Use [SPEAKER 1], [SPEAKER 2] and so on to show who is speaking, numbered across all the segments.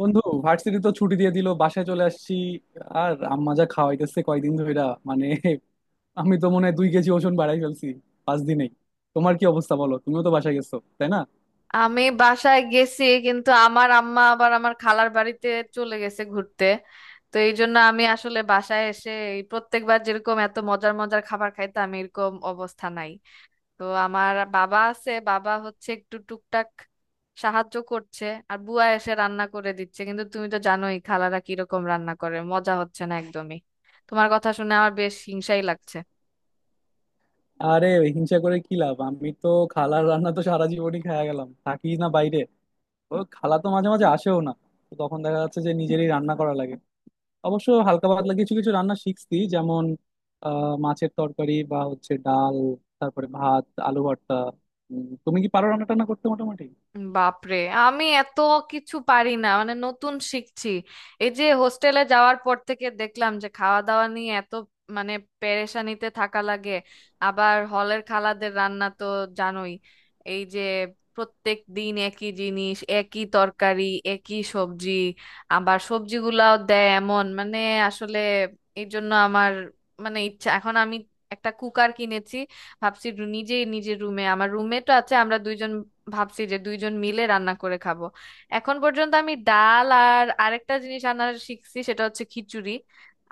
[SPEAKER 1] বন্ধু, ভার্সিটি তো ছুটি দিয়ে দিল, বাসায় চলে আসছি। আর আম্মা যা খাওয়াইতেছে কয়দিন ধইরা, মানে, আমি তো মনে হয় 2 কেজি ওজন বাড়াই ফেলছি 5 দিনেই। তোমার কি অবস্থা বলো? তুমিও তো বাসায় গেছো, তাই না?
[SPEAKER 2] আমি বাসায় গেছি কিন্তু আমার আম্মা আবার আমার খালার বাড়িতে চলে গেছে ঘুরতে। তো এই জন্য আমি আসলে বাসায় এসে এই প্রত্যেকবার যেরকম এত মজার মজার খাবার খাইতাম এরকম অবস্থা নাই। তো আমার বাবা আছে, বাবা হচ্ছে একটু টুকটাক সাহায্য করছে। আর বুয়া এসে রান্না করে দিচ্ছে, কিন্তু তুমি তো জানোই খালারা কিরকম রান্না করে, মজা হচ্ছে না একদমই। তোমার কথা শুনে আমার বেশ হিংসাই লাগছে।
[SPEAKER 1] আরে, হিংসা করে কি লাভ? আমি তো খালার রান্না তো সারা জীবনই খায়া গেলাম, থাকি না বাইরে। ও খালা তো মাঝে মাঝে আসেও না, তো তখন দেখা যাচ্ছে যে নিজেরই রান্না করা লাগে। অবশ্য হালকা পাতলা কিছু কিছু রান্না শিখছি, যেমন মাছের তরকারি বা হচ্ছে ডাল, তারপরে ভাত, আলু ভর্তা। তুমি কি পারো রান্না টান্না করতে মোটামুটি?
[SPEAKER 2] বাপরে, আমি এত কিছু পারি না, মানে নতুন শিখছি। এই যে হোস্টেলে যাওয়ার পর থেকে দেখলাম যে খাওয়া দাওয়া নিয়ে এত মানে পেরেশানিতে থাকা লাগে। আবার হলের খালাদের রান্না তো জানোই, এই যে প্রত্যেক দিন একই জিনিস, একই তরকারি, একই সবজি, আবার সবজিগুলাও দেয় এমন, মানে আসলে এই জন্য আমার মানে ইচ্ছা এখন আমি একটা কুকার কিনেছি। ভাবছি নিজেই নিজের রুমে, আমার রুমমেটও আছে, আমরা দুইজন, ভাবছি যে দুইজন মিলে রান্না করে খাবো। এখন পর্যন্ত আমি ডাল আর আরেকটা জিনিস রান্না শিখছি, সেটা হচ্ছে খিচুড়ি।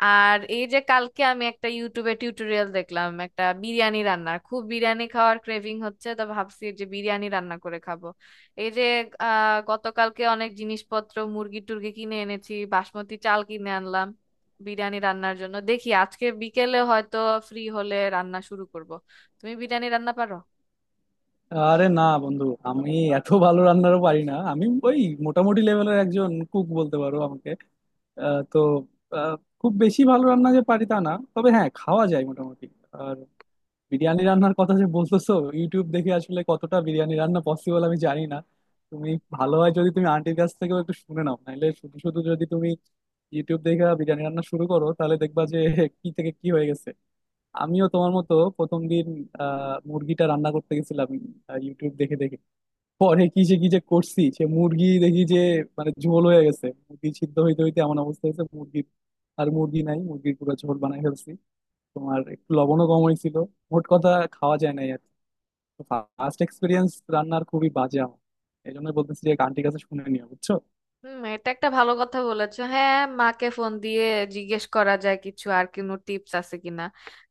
[SPEAKER 2] আর এই যে কালকে আমি একটা ইউটিউবে টিউটোরিয়াল দেখলাম একটা বিরিয়ানি রান্নার, খুব বিরিয়ানি খাওয়ার ক্রেভিং হচ্ছে, তো ভাবছি যে বিরিয়ানি রান্না করে খাবো। এই যে গতকালকে অনেক জিনিসপত্র, মুরগি টুরগি কিনে এনেছি, বাসমতি চাল কিনে আনলাম বিরিয়ানি রান্নার জন্য। দেখি আজকে বিকেলে হয়তো ফ্রি হলে রান্না শুরু করব। তুমি বিরিয়ানি রান্না পারো?
[SPEAKER 1] আরে না বন্ধু, আমি এত ভালো রান্নারও পারি না। আমি ওই মোটামুটি লেভেলের একজন কুক বলতে পারো আমাকে। তো আহ, খুব বেশি ভালো রান্না যে পারি তা না, তবে হ্যাঁ, খাওয়া যায় মোটামুটি। আর বিরিয়ানি রান্নার কথা যে বলতেছো, ইউটিউব দেখে আসলে কতটা বিরিয়ানি রান্না পসিবল আমি জানি না। তুমি ভালো হয় যদি তুমি আন্টির কাছ থেকেও একটু শুনে নাও, নাহলে শুধু শুধু যদি তুমি ইউটিউব দেখে বিরিয়ানি রান্না শুরু করো, তাহলে দেখবা যে কি থেকে কি হয়ে গেছে। আমিও তোমার মতো প্রথম দিন মুরগিটা রান্না করতে গেছিলাম ইউটিউব দেখে দেখে। পরে কি যে কি যে করছি, সে মুরগি দেখি যে, মানে, ঝোল হয়ে গেছে। মুরগি সিদ্ধ হইতে হইতে এমন অবস্থা হয়েছে মুরগির, আর মুরগি নাই, মুরগির পুরো ঝোল বানাই ফেলছি। তোমার একটু লবণও কম হয়েছিল। মোট কথা, খাওয়া যায় নাই আর। ফার্স্ট এক্সপিরিয়েন্স রান্নার খুবই বাজে আমার। এই জন্য বলতেছি যে আন্টির কাছে শুনে নিও, বুঝছো?
[SPEAKER 2] হুম, এটা একটা ভালো কথা বলেছো, হ্যাঁ। মাকে ফোন দিয়ে জিজ্ঞেস করা যায় কিছু আর কোনো টিপস আছে কিনা,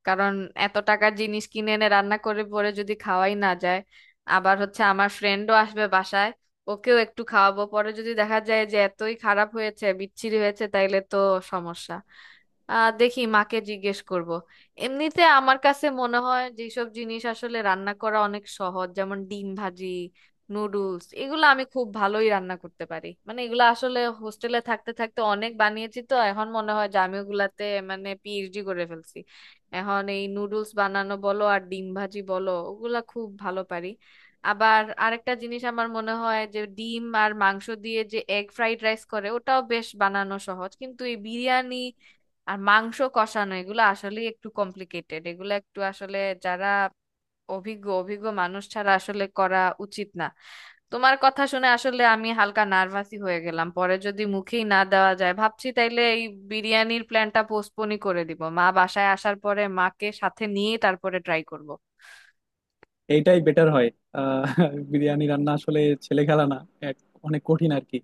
[SPEAKER 2] কারণ এত টাকার জিনিস কিনে এনে রান্না করে পরে যদি খাওয়াই না যায়। আবার হচ্ছে আমার ফ্রেন্ডও আসবে বাসায়, ওকেও একটু খাওয়াবো, পরে যদি দেখা যায় যে এতই খারাপ হয়েছে বিচ্ছিরি হয়েছে তাইলে তো সমস্যা। দেখি মাকে জিজ্ঞেস করব। এমনিতে আমার কাছে মনে হয় যেসব জিনিস আসলে রান্না করা অনেক সহজ, যেমন ডিম ভাজি, নুডলস, এগুলো আমি খুব ভালোই রান্না করতে পারি, মানে এগুলো আসলে হোস্টেলে থাকতে থাকতে অনেক বানিয়েছি, তো এখন মনে হয় যে আমি ওগুলাতে মানে পিএইচডি করে ফেলছি। এখন এই নুডলস বানানো বলো আর ডিম ভাজি বলো, ওগুলা খুব ভালো পারি। আবার আরেকটা জিনিস আমার মনে হয় যে ডিম আর মাংস দিয়ে যে এগ ফ্রাইড রাইস করে ওটাও বেশ বানানো সহজ, কিন্তু এই বিরিয়ানি আর মাংস কষানো এগুলো আসলে একটু কমপ্লিকেটেড, এগুলো একটু আসলে যারা অভিজ্ঞ অভিজ্ঞ মানুষ ছাড়া আসলে করা উচিত না। তোমার কথা শুনে আসলে আমি হালকা নার্ভাসই হয়ে গেলাম, পরে যদি মুখেই না দেওয়া যায় ভাবছি তাইলে এই বিরিয়ানির প্ল্যানটা পোস্টপোনই করে দিব, মা বাসায় আসার পরে মাকে সাথে নিয়ে তারপরে ট্রাই করব।
[SPEAKER 1] এইটাই বেটার হয়। আহ বিরিয়ানি রান্না আসলে ছেলে খেলা না। এক- অনেক কঠিন আর কি।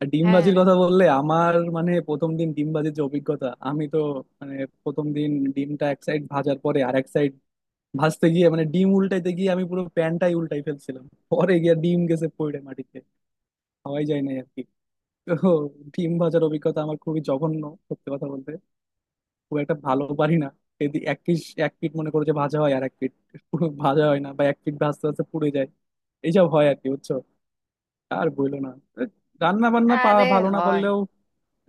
[SPEAKER 1] আর
[SPEAKER 2] হ্যাঁ।
[SPEAKER 1] ডিমবাজির কথা বললে আমার, মানে, প্রথম দিন ডিমবাজির যে অভিজ্ঞতা, আমি তো, মানে, প্রথম দিন ডিমটা এক সাইড ভাজার পরে আর এক সাইড ভাজতে গিয়ে, মানে, ডিম উল্টাইতে গিয়ে আমি পুরো প্যানটাই উল্টাই ফেলছিলাম। পরে গিয়ে ডিম গেছে পড়ে মাটিতে, খাওয়াই যায় নাই আর কি। তো ডিম ভাজার অভিজ্ঞতা আমার খুবই জঘন্য। সত্যি কথা বলতে, খুব একটা ভালো পারি না। এদিক এক পিস, এক পিট মনে করো যে ভাজা হয়, আর এক পিট পুরো ভাজা হয় না, বা এক পিট ভাজতে ভাজতে পুড়ে যায়। এইসব হয় আর কি, বুঝছো? আর বললো না, রান্না বান্না
[SPEAKER 2] আরে
[SPEAKER 1] ভালো না
[SPEAKER 2] হয়।
[SPEAKER 1] পারলেও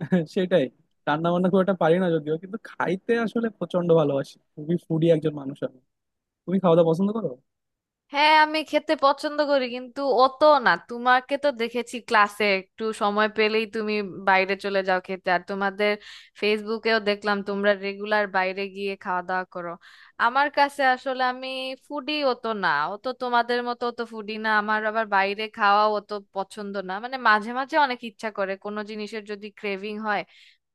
[SPEAKER 1] সেটাই। রান্না বান্না খুব একটা পারি না যদিও, কিন্তু খাইতে আসলে প্রচন্ড ভালোবাসি, খুবই ফুডি একজন মানুষ আমি। তুমি খাওয়া দাওয়া পছন্দ করো?
[SPEAKER 2] হ্যাঁ আমি খেতে পছন্দ করি কিন্তু অত না। তোমাকে তো দেখেছি ক্লাসে একটু সময় পেলেই তুমি বাইরে চলে যাও খেতে, আর তোমাদের ফেসবুকেও দেখলাম তোমরা রেগুলার বাইরে গিয়ে খাওয়া দাওয়া করো। আমার কাছে আসলে আমি ফুডি অত না, অত তোমাদের মতো অত ফুডি না, আমার আবার বাইরে খাওয়া অত পছন্দ না, মানে মাঝে মাঝে অনেক ইচ্ছা করে কোনো জিনিসের যদি ক্রেভিং হয়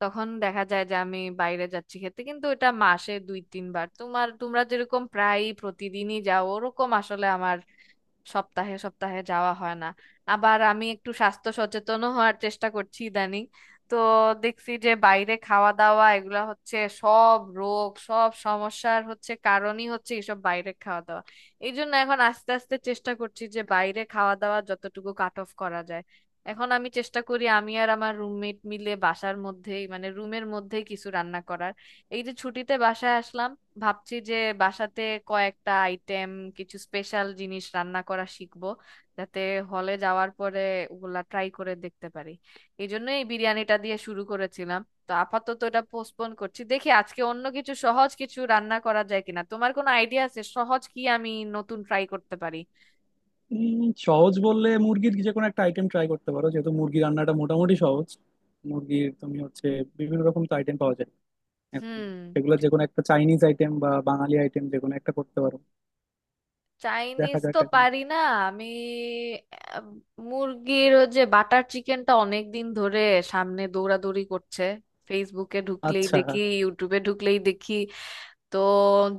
[SPEAKER 2] তখন দেখা যায় যে আমি বাইরে যাচ্ছি খেতে, কিন্তু এটা মাসে দুই তিনবার, তোমার তোমরা যেরকম প্রায় প্রতিদিনই যাও ওরকম আসলে আমার সপ্তাহে সপ্তাহে যাওয়া হয় না। আবার আমি একটু স্বাস্থ্য সচেতনও হওয়ার চেষ্টা করছি ইদানিং, তো দেখছি যে বাইরে খাওয়া দাওয়া এগুলা হচ্ছে সব রোগ সব সমস্যার হচ্ছে কারণই হচ্ছে এইসব বাইরে খাওয়া দাওয়া। এই জন্য এখন আস্তে আস্তে চেষ্টা করছি যে বাইরে খাওয়া দাওয়া যতটুকু কাট অফ করা যায়। এখন আমি চেষ্টা করি আমি আর আমার রুমমেট মিলে বাসার মধ্যেই মানে রুমের মধ্যেই কিছু রান্না করার। এই যে ছুটিতে বাসায় আসলাম, ভাবছি যে বাসাতে কয়েকটা আইটেম, কিছু স্পেশাল জিনিস রান্না করা শিখবো, যাতে হলে যাওয়ার পরে ওগুলা ট্রাই করে দেখতে পারি। এই জন্য এই বিরিয়ানিটা দিয়ে শুরু করেছিলাম। তো আপাতত এটা পোস্টপোন করছি, দেখি আজকে অন্য কিছু সহজ কিছু রান্না করা যায় কিনা। তোমার কোনো আইডিয়া আছে সহজ কি আমি নতুন ট্রাই করতে পারি?
[SPEAKER 1] সহজ বললে মুরগির যে কোনো একটা আইটেম ট্রাই করতে পারো, যেহেতু মুরগি রান্নাটা মোটামুটি সহজ। মুরগির তুমি হচ্ছে বিভিন্ন রকম তো আইটেম পাওয়া যায় এখন।
[SPEAKER 2] হুম।
[SPEAKER 1] সেগুলো যে কোনো একটা চাইনিজ আইটেম বা বাঙালি আইটেম যে কোনো একটা করতে পারো। দেখা
[SPEAKER 2] চাইনিজ
[SPEAKER 1] যাক
[SPEAKER 2] তো
[SPEAKER 1] এখন।
[SPEAKER 2] পারি না। আমি আহ, মুরগির ওই যে বাটার চিকেনটা অনেক দিন ধরে সামনে দৌড়াদৌড়ি করছে, ফেসবুকে ঢুকলেই
[SPEAKER 1] আচ্ছা।
[SPEAKER 2] দেখি ইউটিউবে ঢুকলেই দেখি, তো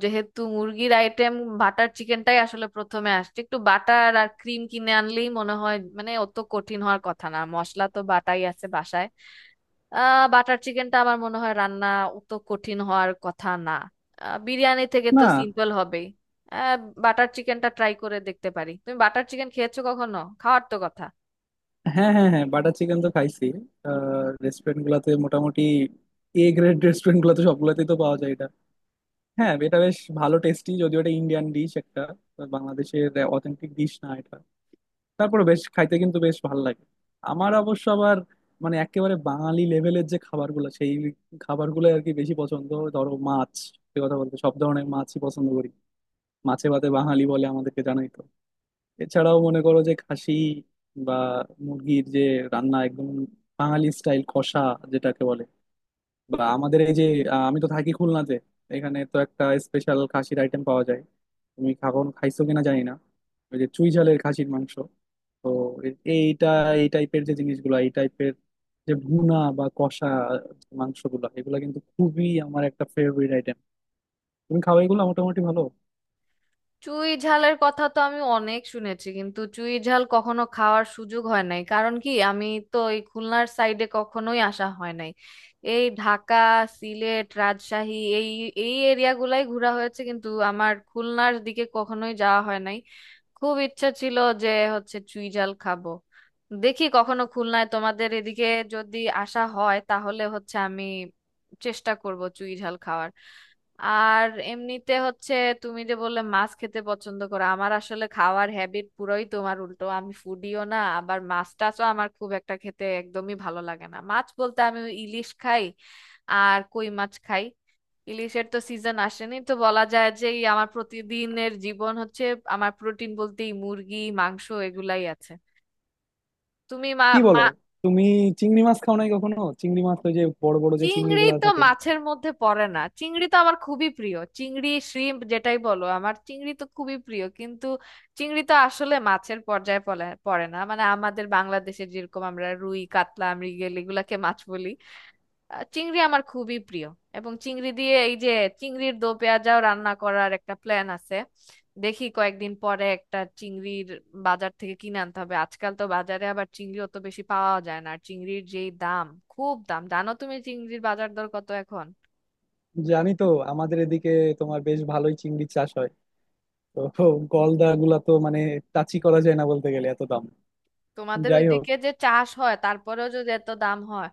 [SPEAKER 2] যেহেতু মুরগির আইটেম, বাটার চিকেনটাই আসলে প্রথমে আসছে। একটু বাটার আর ক্রিম কিনে আনলেই মনে হয় মানে অত কঠিন হওয়ার কথা না, মশলা তো বাটাই আছে বাসায়। বাটার চিকেনটা আমার মনে হয় রান্না অত কঠিন হওয়ার কথা না, বিরিয়ানি থেকে তো
[SPEAKER 1] না।
[SPEAKER 2] সিম্পল হবেই। আহ বাটার চিকেনটা ট্রাই করে দেখতে পারি। তুমি বাটার চিকেন খেয়েছো কখনো? খাওয়ার তো কথা।
[SPEAKER 1] হ্যাঁ, হ্যাঁ, হ্যাঁ, বাটার চিকেন তো খাইছি। রেস্টুরেন্ট গুলাতে মোটামুটি, এ গ্রেড রেস্টুরেন্ট গুলাতে সবগুলাতেই তো পাওয়া যায়। হ্যাঁ, এটা বেশ ভালো টেস্টি, যদিও এটা ইন্ডিয়ান ডিশ একটা। বাংলাদেশের অথেন্টিক ডিশ না এটা। তারপরে বেশ খাইতে কিন্তু বেশ ভালো লাগে। আমার অবশ্য আবার, মানে, একেবারে বাঙালি লেভেলের যে খাবারগুলো সেই খাবারগুলো আর কি বেশি পছন্দ। ধরো মাছ, সে কথা বলতে সব ধরনের মাছই পছন্দ করি। মাছে ভাতে বাঙালি বলে আমাদেরকে জানাই তো। এছাড়াও মনে করো যে খাসি বা মুরগির যে রান্না একদম বাঙালি স্টাইল কষা, যেটাকে বলে, বা আমাদের এই যে আমি তো থাকি খুলনাতে। এখানে তো একটা স্পেশাল খাসির আইটেম পাওয়া যায়। তুমি খাবো খাইছো কিনা জানি না, ওই যে চুই ঝালের খাসির মাংস। তো এইটা, এই টাইপের যে জিনিসগুলো, এই টাইপের যে ভুনা বা কষা মাংসগুলো, এগুলো কিন্তু খুবই আমার একটা ফেভারিট আইটেম। তুমি খাও এগুলো? মোটামুটি ভালো।
[SPEAKER 2] চুই ঝালের কথা তো আমি অনেক শুনেছি কিন্তু চুই ঝাল কখনো খাওয়ার সুযোগ হয় নাই, কারণ কি আমি তো এই খুলনার সাইডে কখনোই আসা হয় নাই। এই ঢাকা, সিলেট, রাজশাহী এই এই এরিয়াগুলাই ঘোরা হয়েছে কিন্তু আমার খুলনার দিকে কখনোই যাওয়া হয় নাই। খুব ইচ্ছা ছিল যে হচ্ছে চুই ঝাল খাবো। দেখি কখনো খুলনায় তোমাদের এদিকে যদি আসা হয় তাহলে হচ্ছে আমি চেষ্টা করব চুই ঝাল খাওয়ার। আর এমনিতে হচ্ছে তুমি যে বললে মাছ খেতে পছন্দ করো, আমার আসলে খাওয়ার হ্যাবিট পুরোই তোমার উল্টো, আমি ফুডিও না আবার মাছ টাছও আমার খুব একটা খেতে একদমই ভালো লাগে না। মাছ বলতে আমি ওই ইলিশ খাই আর কই মাছ খাই। ইলিশের তো সিজন আসেনি তো বলা যায় যে এই আমার প্রতিদিনের জীবন হচ্ছে আমার প্রোটিন বলতেই মুরগি মাংস এগুলাই আছে। তুমি মা।
[SPEAKER 1] কি বলো? তুমি চিংড়ি মাছ খাও নাই কখনো? চিংড়ি মাছ, ওই যে বড় বড় যে চিংড়ি
[SPEAKER 2] চিংড়ি
[SPEAKER 1] গুলা
[SPEAKER 2] তো
[SPEAKER 1] থাকে?
[SPEAKER 2] মাছের মধ্যে পড়ে না, চিংড়ি তো আমার খুবই প্রিয়, চিংড়ি শ্রিম্প যেটাই বলো আমার চিংড়ি তো খুবই প্রিয়, কিন্তু চিংড়ি তো আসলে মাছের পর্যায়ে পড়ে না, মানে আমাদের বাংলাদেশে যেরকম আমরা রুই, কাতলা, মৃগেল এগুলাকে মাছ বলি। চিংড়ি আমার খুবই প্রিয়, এবং চিংড়ি দিয়ে এই যে চিংড়ির দো পেঁয়াজাও রান্না করার একটা প্ল্যান আছে। দেখি কয়েকদিন পরে একটা চিংড়ির, বাজার থেকে কিনে আনতে হবে। আজকাল তো বাজারে আবার চিংড়ি অত বেশি পাওয়া যায় না, আর চিংড়ির যেই দাম, খুব দাম। জানো তুমি চিংড়ির বাজার দর কত এখন?
[SPEAKER 1] জানি তো। আমাদের এদিকে তোমার বেশ ভালোই চিংড়ি চাষ হয়, তো গলদা গুলা তো, মানে, টাচই করা যায় না বলতে গেলে, এত দাম।
[SPEAKER 2] তোমাদের
[SPEAKER 1] যাই হোক।
[SPEAKER 2] ওইদিকে যে চাষ হয় তারপরেও যদি এত দাম হয়,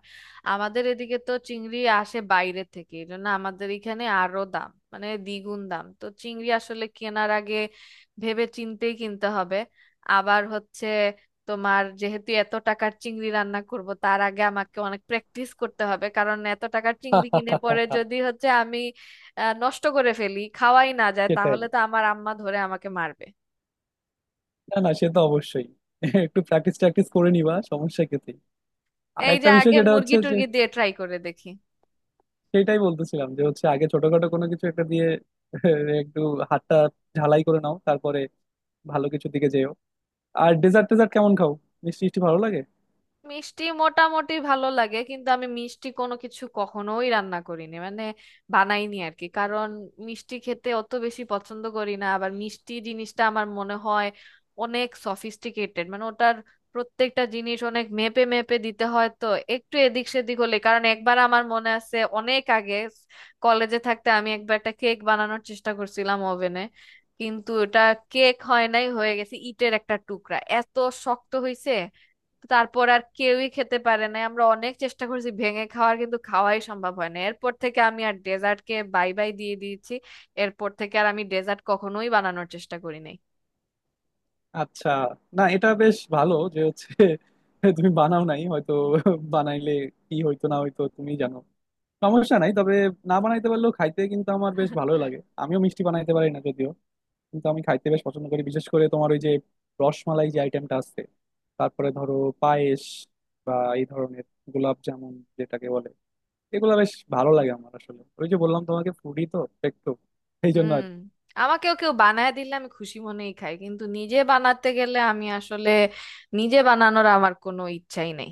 [SPEAKER 2] আমাদের এদিকে তো চিংড়ি আসে বাইরে থেকে, এই জন্য আমাদের এখানে আরো দাম মানে দ্বিগুণ দাম, তো চিংড়ি আসলে কেনার আগে ভেবে চিন্তেই কিনতে হবে। আবার হচ্ছে তোমার যেহেতু, এত টাকার চিংড়ি রান্না করব তার আগে আমাকে অনেক প্র্যাকটিস করতে হবে, কারণ এত টাকার চিংড়ি কিনে পরে যদি হচ্ছে আমি নষ্ট করে ফেলি খাওয়াই না যায়
[SPEAKER 1] সেটাই।
[SPEAKER 2] তাহলে তো আমার আম্মা ধরে আমাকে মারবে।
[SPEAKER 1] না না, সে তো অবশ্যই। একটু প্র্যাকটিস ট্র্যাকটিস করে নিবা সমস্যা ক্ষেত্রে। আর
[SPEAKER 2] এই যে
[SPEAKER 1] একটা বিষয়
[SPEAKER 2] আগে
[SPEAKER 1] যেটা হচ্ছে
[SPEAKER 2] মুরগি
[SPEAKER 1] যে,
[SPEAKER 2] টুরগি দিয়ে ট্রাই করে দেখি।
[SPEAKER 1] সেটাই বলতেছিলাম যে হচ্ছে আগে ছোটখাটো কোনো কিছু একটা দিয়ে একটু হাতটা ঝালাই করে নাও, তারপরে ভালো কিছুর দিকে যেও। আর ডেজার্ট টেজার্ট কেমন খাও? মিষ্টি মিষ্টি ভালো লাগে?
[SPEAKER 2] মিষ্টি মোটামুটি ভালো লাগে কিন্তু আমি মিষ্টি কোনো কিছু কখনোই রান্না করিনি, মানে বানাইনি আর কি, কারণ মিষ্টি খেতে অত বেশি পছন্দ করি না। আবার মিষ্টি জিনিসটা আমার মনে হয় অনেক সফিস্টিকেটেড, মানে ওটার প্রত্যেকটা জিনিস অনেক মেপে মেপে দিতে হয়, তো একটু এদিক সেদিক হলে, কারণ একবার আমার মনে আছে অনেক আগে কলেজে থাকতে আমি একবার একটা কেক বানানোর চেষ্টা করছিলাম ওভেনে, কিন্তু ওটা কেক হয় নাই, হয়ে গেছে ইটের একটা টুকরা, এত শক্ত হয়েছে তারপর আর কেউই খেতে পারে না, আমরা অনেক চেষ্টা করেছি ভেঙে খাওয়ার কিন্তু খাওয়াই সম্ভব হয় না। এরপর থেকে আমি আর ডেজার্টকে বাই বাই দিয়ে দিয়েছি, এরপর থেকে আর আমি ডেজার্ট কখনোই বানানোর চেষ্টা করি নাই।
[SPEAKER 1] আচ্ছা। না, এটা বেশ ভালো যে হচ্ছে, তুমি বানাও নাই হয়তো। বানাইলে কি হইতো না হইতো তুমি জানো। সমস্যা নাই তবে, না বানাইতে পারলেও খাইতে কিন্তু আমার বেশ ভালো লাগে। আমিও মিষ্টি বানাইতে পারি না যদিও, কিন্তু আমি খাইতে বেশ পছন্দ করি, বিশেষ করে তোমার ওই যে রসমালাই যে আইটেমটা আছে, তারপরে ধরো পায়েস বা এই ধরনের গোলাপ জামুন, যেটাকে বলে, এগুলা বেশ ভালো লাগে আমার। আসলে ওই যে বললাম তোমাকে, ফুডি তো একটু, এই
[SPEAKER 2] হুম,
[SPEAKER 1] জন্য।
[SPEAKER 2] আমাকেও কেউ বানায় দিলে আমি খুশি মনেই খাই, কিন্তু নিজে বানাতে গেলে আমি আসলে, নিজে বানানোর আমার কোনো ইচ্ছাই নেই।